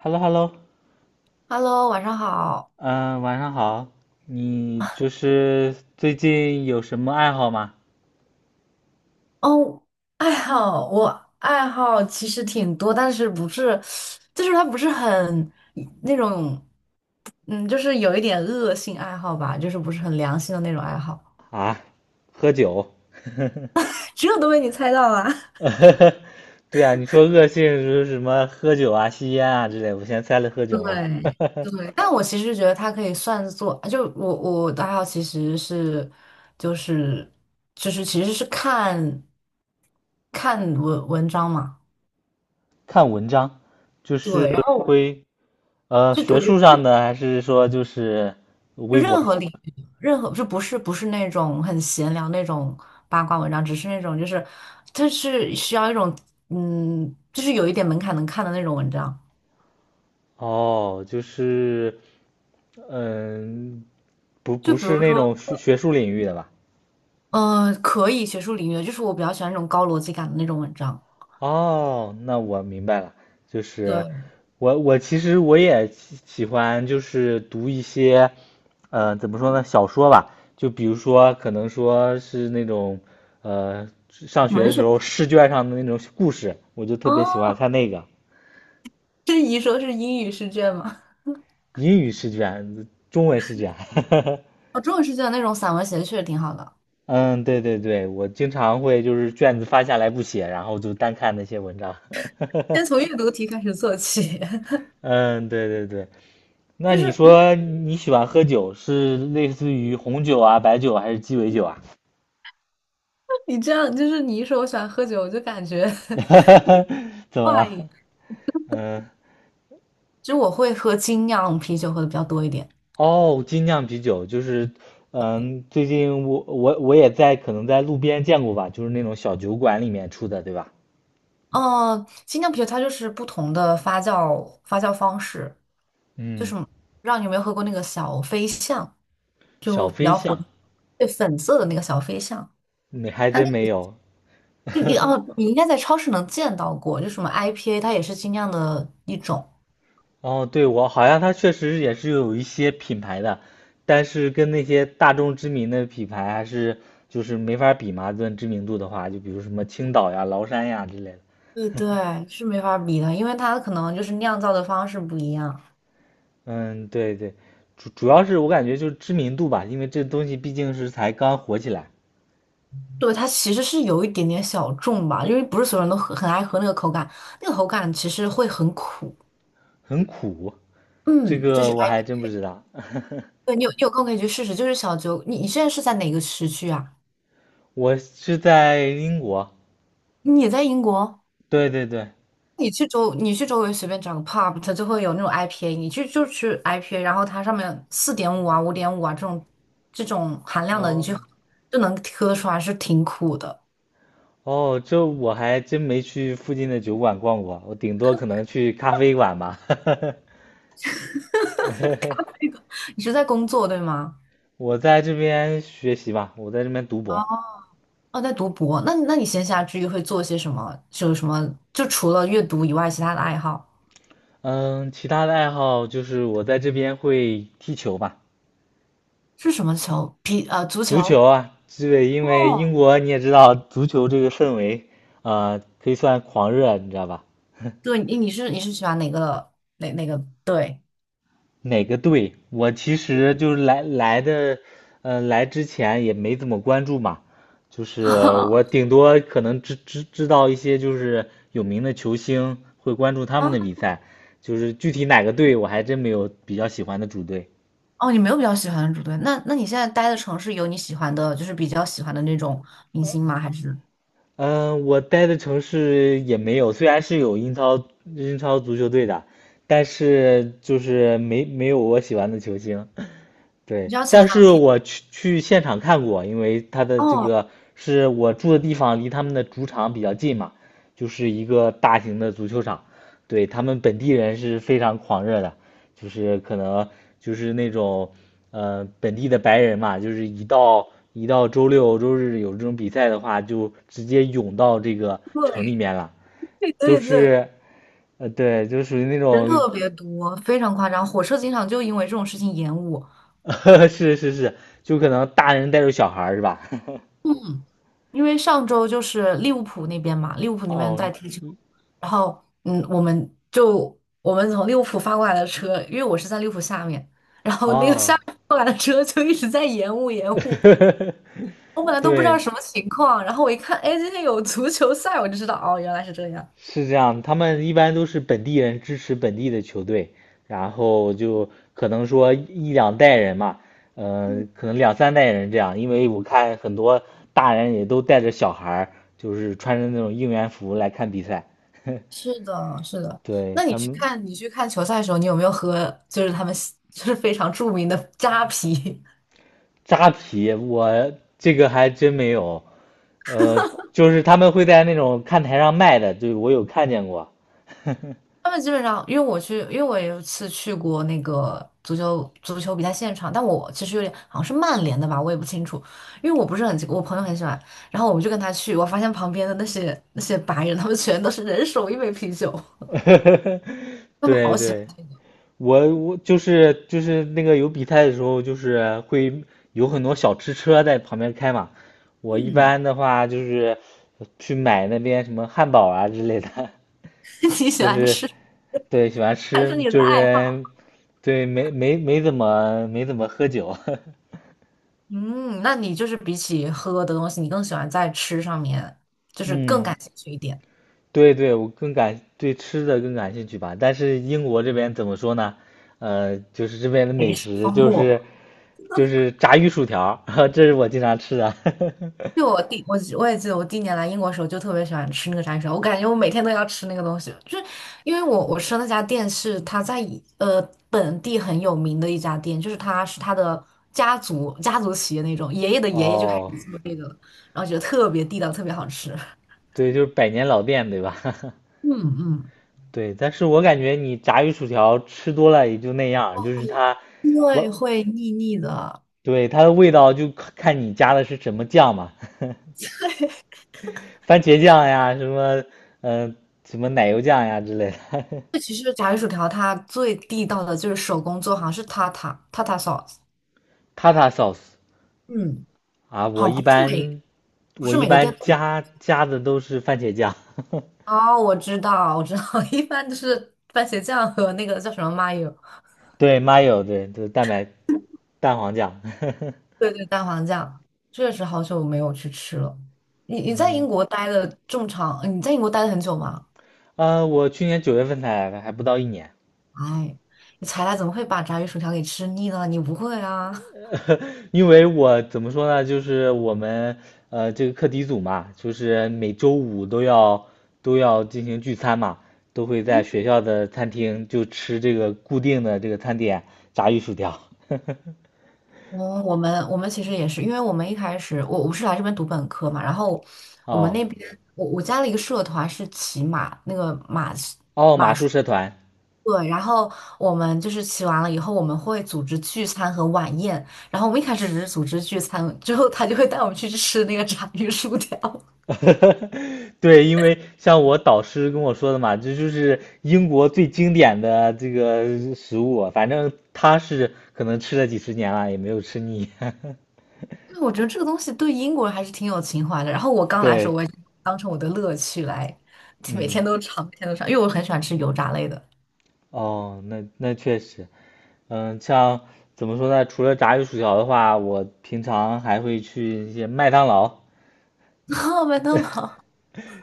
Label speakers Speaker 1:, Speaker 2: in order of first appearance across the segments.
Speaker 1: h e l l o h e l l o
Speaker 2: Hello，晚上好。
Speaker 1: 嗯，晚上好。你最近有什么爱好吗？
Speaker 2: 哦，爱好，我爱好其实挺多，但是不是，就是它不是很那种，就是有一点恶性爱好吧，就是不是很良心的那种爱好。
Speaker 1: 啊，喝酒，
Speaker 2: 这都被你猜到了，
Speaker 1: 对啊，你说恶性是什么喝酒啊、吸烟啊之类，我先猜了喝 酒嘛。
Speaker 2: 对 对，但我其实觉得它可以算作，就我的爱好其实是，就是就是其实是看文章嘛。
Speaker 1: 看文章，就是
Speaker 2: 对，然后
Speaker 1: 会
Speaker 2: 就我
Speaker 1: 学
Speaker 2: 觉
Speaker 1: 术
Speaker 2: 得
Speaker 1: 上的，还是说
Speaker 2: 就
Speaker 1: 微博？
Speaker 2: 任何领域，任何就不是不是那种很闲聊那种八卦文章，只是那种就是，它是需要一种就是有一点门槛能看的那种文章。
Speaker 1: 哦，就是嗯，不
Speaker 2: 就
Speaker 1: 不
Speaker 2: 比
Speaker 1: 是
Speaker 2: 如
Speaker 1: 那
Speaker 2: 说，
Speaker 1: 种学术领域的吧？
Speaker 2: 嗯，可以学术领域，就是我比较喜欢那种高逻辑感的那种文章。
Speaker 1: 哦，那我明白了，就是
Speaker 2: 对，
Speaker 1: 我其实我也喜欢就是读一些，呃，怎么说呢，小说吧，就比如说可能说是那种，呃，上学
Speaker 2: 文
Speaker 1: 的时
Speaker 2: 学
Speaker 1: 候试卷上的那种故事，我就特别喜欢
Speaker 2: 哦，
Speaker 1: 看那个
Speaker 2: 这一说是英语试卷吗？
Speaker 1: 英语试卷、中文试卷，
Speaker 2: 哦，中文试卷那种散文写的确实挺好的。
Speaker 1: 嗯，对对对，我经常会就是卷子发下来不写，然后就单看那些文章，
Speaker 2: 先从阅读题开始做起，
Speaker 1: 嗯，对对对，那
Speaker 2: 就
Speaker 1: 你
Speaker 2: 是因为
Speaker 1: 说你喜欢喝酒，是类似于红酒啊、白酒啊还是鸡尾酒啊？
Speaker 2: 你这样，就是你一说我喜欢喝酒，我就感觉
Speaker 1: 怎 么
Speaker 2: 怪。
Speaker 1: 了？嗯，
Speaker 2: 就我会喝精酿啤酒喝的比较多一点。
Speaker 1: 哦，精酿啤酒就是，嗯，最近我也在可能在路边见过吧，就是那种小酒馆里面出的，对吧？
Speaker 2: 哦，精酿啤酒它就是不同的发酵方式，就
Speaker 1: 嗯，
Speaker 2: 是让你有没有喝过那个小飞象，就
Speaker 1: 小
Speaker 2: 比
Speaker 1: 飞
Speaker 2: 较火，
Speaker 1: 象，
Speaker 2: 对，粉色的那个小飞象，
Speaker 1: 你还
Speaker 2: 它那
Speaker 1: 真没
Speaker 2: 个
Speaker 1: 有。
Speaker 2: 就你 哦，你应该在超市能见到过，就什么 IPA，它也是精酿的一种。
Speaker 1: 哦，对，我好像它确实也是有一些品牌的，但是跟那些大众知名的品牌还是没法比嘛，论知名度的话，就比如什么青岛呀、崂山呀之类的。
Speaker 2: 对对，是没法比的，因为它可能就是酿造的方式不一样。
Speaker 1: 嗯，对对，主要是我感觉就是知名度吧，因为这东西毕竟是才刚火起来，
Speaker 2: 对，它其实是有一点点小众吧，因为不是所有人都很爱喝那个口感，那个口感其实会很苦。
Speaker 1: 很苦，这
Speaker 2: 嗯，就
Speaker 1: 个
Speaker 2: 是
Speaker 1: 我
Speaker 2: IP，
Speaker 1: 还真不知道。
Speaker 2: 对你有空可以去试试。就是小酒，你现在是在哪个时区啊？
Speaker 1: 我是在英国，
Speaker 2: 你也在英国？
Speaker 1: 对对对，
Speaker 2: 你去周围随便找个 pub，它就会有那种 IPA，你去就去 IPA，然后它上面4.5啊、5.5啊这种含量的，你就
Speaker 1: 哦。
Speaker 2: 就能喝出来是挺苦的。
Speaker 1: 哦，这我还真没去附近的酒馆逛过，我顶多可能去咖啡馆吧。
Speaker 2: 那个，你是在工作对吗？
Speaker 1: 我在这边学习吧，我在这边读博。
Speaker 2: 哦，在读博。那你闲暇之余会做些什么？就有什么？就除了阅读以外，其他的爱好
Speaker 1: 嗯，其他的爱好就是我在这边会踢球吧，
Speaker 2: 是什么球？足
Speaker 1: 足
Speaker 2: 球。
Speaker 1: 球啊，对，因为英
Speaker 2: 哦，
Speaker 1: 国你也知道，足球这个氛围，呃，可以算狂热，你知道吧？
Speaker 2: 对，你是喜欢哪个队？
Speaker 1: 哪个队？我其实来的，呃，来之前也没怎么关注嘛，就是我顶 多可能知道一些就是有名的球星，会关注他
Speaker 2: 啊，
Speaker 1: 们的比赛，具体哪个队我还真没有比较喜欢的主队。
Speaker 2: 哦，你没有比较喜欢的主队，那你现在待的城市有你喜欢的，就是比较喜欢的那种明星吗？还是
Speaker 1: 我待的城市也没有，虽然是有英超足球队的，但是就是没有我喜欢的球星。
Speaker 2: 比
Speaker 1: 对，
Speaker 2: 较前
Speaker 1: 但
Speaker 2: 两？
Speaker 1: 是我去现场看过，因为他的这
Speaker 2: 哦，
Speaker 1: 个是我住的地方离他们的主场比较近嘛，就是一个大型的足球场，对，他们本地人是非常狂热的，就是可能那种本地的白人嘛，就是一到周六周日有这种比赛的话，就直接涌到这个城里
Speaker 2: 对
Speaker 1: 面了。
Speaker 2: 对
Speaker 1: 就
Speaker 2: 对对，
Speaker 1: 是呃，对，就属于那
Speaker 2: 人
Speaker 1: 种
Speaker 2: 特别多，非常夸张。火车经常就因为这种事情延误，
Speaker 1: 是是是，就可能大人带着小孩儿是吧？
Speaker 2: 因为上周就是利物浦那边嘛，利物浦那边
Speaker 1: 哦
Speaker 2: 在踢球，然后我们从利物浦发过来的车，因为我是在利物浦下面，然后那个
Speaker 1: 哦，
Speaker 2: 下面过来的车就一直在延误延误。我本来都不知道
Speaker 1: 对，
Speaker 2: 什么情况，然后我一看，哎，今天有足球赛，我就知道，哦，原来是这样。
Speaker 1: 是这样。他们一般都是本地人支持本地的球队，然后就可能说一两代人嘛，
Speaker 2: 嗯，
Speaker 1: 可能两三代人这样。因为我看很多大人也都带着小孩儿，就是穿着那种应援服来看比赛。
Speaker 2: 是 的，是的。
Speaker 1: 对，
Speaker 2: 那你
Speaker 1: 他
Speaker 2: 去
Speaker 1: 们
Speaker 2: 看你去看球赛的时候，你有没有喝就是他们 就是非常著名的扎啤？
Speaker 1: 扎啤，我这个还真没有。呃，就是他们会在那种看台上卖的，对，我有看见过。
Speaker 2: 他们基本上，因为我有一次去过那个足球比赛现场，但我其实有点好像是曼联的吧，我也不清楚，因为我不是很，我朋友很喜欢，然后我们就跟他去，我发现旁边的那些白人，他们全都是人手一杯啤酒，他们
Speaker 1: 对
Speaker 2: 好喜欢，
Speaker 1: 对，我我就是那个有比赛的时候，就是会有很多小吃车在旁边开嘛。我一
Speaker 2: 嗯，
Speaker 1: 般的话去买那边什么汉堡啊之类的，
Speaker 2: 你 喜
Speaker 1: 就
Speaker 2: 欢
Speaker 1: 是
Speaker 2: 吃？
Speaker 1: 对喜欢
Speaker 2: 还是
Speaker 1: 吃，
Speaker 2: 你
Speaker 1: 就
Speaker 2: 的爱好。
Speaker 1: 是对没怎么喝酒。
Speaker 2: 嗯，那你就是比起喝的东西，你更喜欢在吃上面，就是更
Speaker 1: 嗯
Speaker 2: 感兴趣一点。
Speaker 1: 对对，我更感对吃的更感兴趣吧。但是英国这边怎么说呢？呃，就是这边的
Speaker 2: 没
Speaker 1: 美
Speaker 2: 事，
Speaker 1: 食
Speaker 2: 丰富。
Speaker 1: 就是炸鱼薯条儿 这是我经常吃的。
Speaker 2: 就我也记得我第一年来英国的时候，就特别喜欢吃那个炸鱼薯我感觉我每天都要吃那个东西，就是因为我吃的那家店是他在呃本地很有名的一家店，就是他是他的家族企业那种，爷爷的 爷爷就开始
Speaker 1: 哦，
Speaker 2: 做这个了，然后觉得特别地道，特别好吃。
Speaker 1: 对，就是百年老店，对吧？
Speaker 2: 嗯嗯，
Speaker 1: 对，但是我感觉你炸鱼薯条吃多了也就那样儿就是它，
Speaker 2: 因为
Speaker 1: 我，
Speaker 2: 会腻腻的。
Speaker 1: 对，它的味道就看看你加的是什么酱嘛，番茄酱呀，什么，嗯、什么奶油酱呀之类的
Speaker 2: 这其实炸鱼薯条它最地道的就是手工做，好像是塔塔 sauce，
Speaker 1: ，tata sauce，
Speaker 2: 嗯，
Speaker 1: 啊，
Speaker 2: 好像不
Speaker 1: 我
Speaker 2: 是
Speaker 1: 一
Speaker 2: 每个店
Speaker 1: 般
Speaker 2: 都有。
Speaker 1: 加的都是番茄酱，
Speaker 2: 哦，我知道，我知道，一般就是番茄酱和那个叫什么 mayo，
Speaker 1: 对，mayo，对，就是蛋黄酱。
Speaker 2: 对对，蛋黄酱。确实好久没有去吃了。你在英
Speaker 1: 嗯，
Speaker 2: 国待了这么长，你在英国待了很久吗？
Speaker 1: 呃，我去年九月份才来的，还不到一年，
Speaker 2: 哎，你才来怎么会把炸鱼薯条给吃腻呢？你不会啊？
Speaker 1: 因为我怎么说呢，就是我们这个课题组嘛，就是每周五都要进行聚餐嘛，都会在学校的餐厅就吃这个固定的这个餐点，炸鱼薯条。
Speaker 2: 哦，我们其实也是，因为我们一开始我是来这边读本科嘛，然后我们
Speaker 1: 哦
Speaker 2: 那边我加了一个社团是骑马，那个马是
Speaker 1: 哦，马术社团，
Speaker 2: 对，然后我们就是骑完了以后，我们会组织聚餐和晚宴，然后我们一开始只是组织聚餐，之后他就会带我们去吃那个炸鱼薯条。
Speaker 1: 对，因为像我导师跟我说的嘛，这就是英国最经典的这个食物，反正他是可能吃了几十年了，也没有吃腻。
Speaker 2: 对，我觉得这个东西对英国人还是挺有情怀的。然后我 刚来的时
Speaker 1: 对，
Speaker 2: 候，我也是当成我的乐趣来，每天
Speaker 1: 嗯，
Speaker 2: 都尝，每天都尝，因为我很喜欢吃油炸类的。
Speaker 1: 哦，那那确实，嗯，像怎么说呢？除了炸鱼薯条的话，我平常还会去一些麦当劳，
Speaker 2: 哦，麦当劳，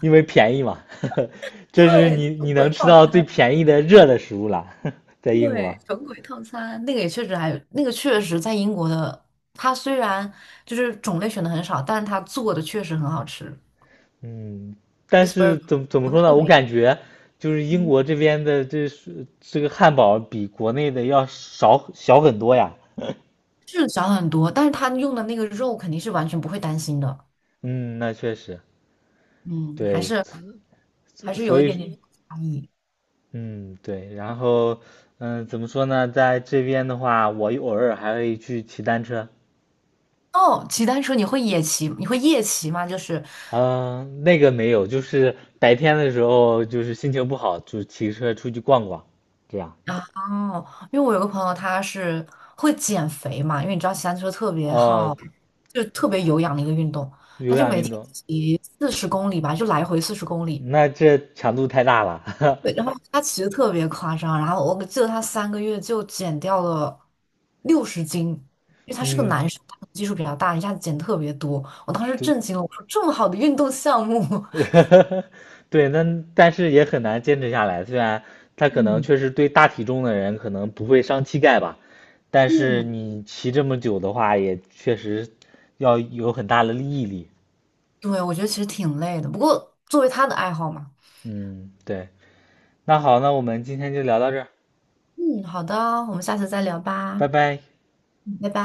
Speaker 1: 因为便宜嘛，这是
Speaker 2: 对，
Speaker 1: 你
Speaker 2: 鬼
Speaker 1: 能吃
Speaker 2: 餐。
Speaker 1: 到最便宜的热的食物了，在英
Speaker 2: 对，
Speaker 1: 国。
Speaker 2: 神鬼套餐那个也确实还有，那个确实在英国的，它虽然就是种类选的很少，但是它做的确实很好吃。
Speaker 1: 嗯，
Speaker 2: c h
Speaker 1: 但
Speaker 2: e e s b u r
Speaker 1: 是
Speaker 2: g e r
Speaker 1: 怎么
Speaker 2: 国内
Speaker 1: 说呢？
Speaker 2: 就
Speaker 1: 我
Speaker 2: 没
Speaker 1: 感觉就是英
Speaker 2: 有，
Speaker 1: 国这边的这个汉堡比国内的要小很多呀。
Speaker 2: 是少很多，但是它用的那个肉肯定是完全不会担心的，
Speaker 1: 嗯，那确实，
Speaker 2: 嗯，还
Speaker 1: 对，
Speaker 2: 是还是
Speaker 1: 所
Speaker 2: 有一点点
Speaker 1: 以
Speaker 2: 差异。
Speaker 1: 嗯对，然后嗯怎么说呢？在这边的话，我偶尔还会去骑单车。
Speaker 2: 哦，骑单车你会野骑，你会夜骑吗？就是
Speaker 1: 嗯，那个没有，就是白天的时候，就是心情不好，就骑车出去逛逛，这样。
Speaker 2: 哦，因为我有个朋友，他是会减肥嘛，因为你知道骑单车特别
Speaker 1: 哦，
Speaker 2: 耗，就特别有氧的一个运动，
Speaker 1: 有
Speaker 2: 他就
Speaker 1: 氧
Speaker 2: 每
Speaker 1: 运
Speaker 2: 天
Speaker 1: 动，
Speaker 2: 骑四十公里吧，就来回四十公里。
Speaker 1: 那这强度太大了。
Speaker 2: 对，然后他骑的特别夸张，然后我记得他3个月就减掉了60斤，因为 他是个
Speaker 1: 嗯，
Speaker 2: 男生，他可能基数比较大，一下子减特别多。我当时
Speaker 1: 对，
Speaker 2: 震惊了，我说这么好的运动项目，
Speaker 1: 对，那但是也很难坚持下来。虽然他 可能
Speaker 2: 嗯
Speaker 1: 确实对大体重的人可能不会伤膝盖吧，但是
Speaker 2: 嗯，
Speaker 1: 你骑这么久的话，也确实要有很大的毅力。
Speaker 2: 对，我觉得其实挺累的，不过作为他的爱好嘛，
Speaker 1: 嗯，对。那好，那我们今天就聊到这儿，
Speaker 2: 嗯，好的，我们下次再聊
Speaker 1: 拜
Speaker 2: 吧。
Speaker 1: 拜。
Speaker 2: 嗯拜拜。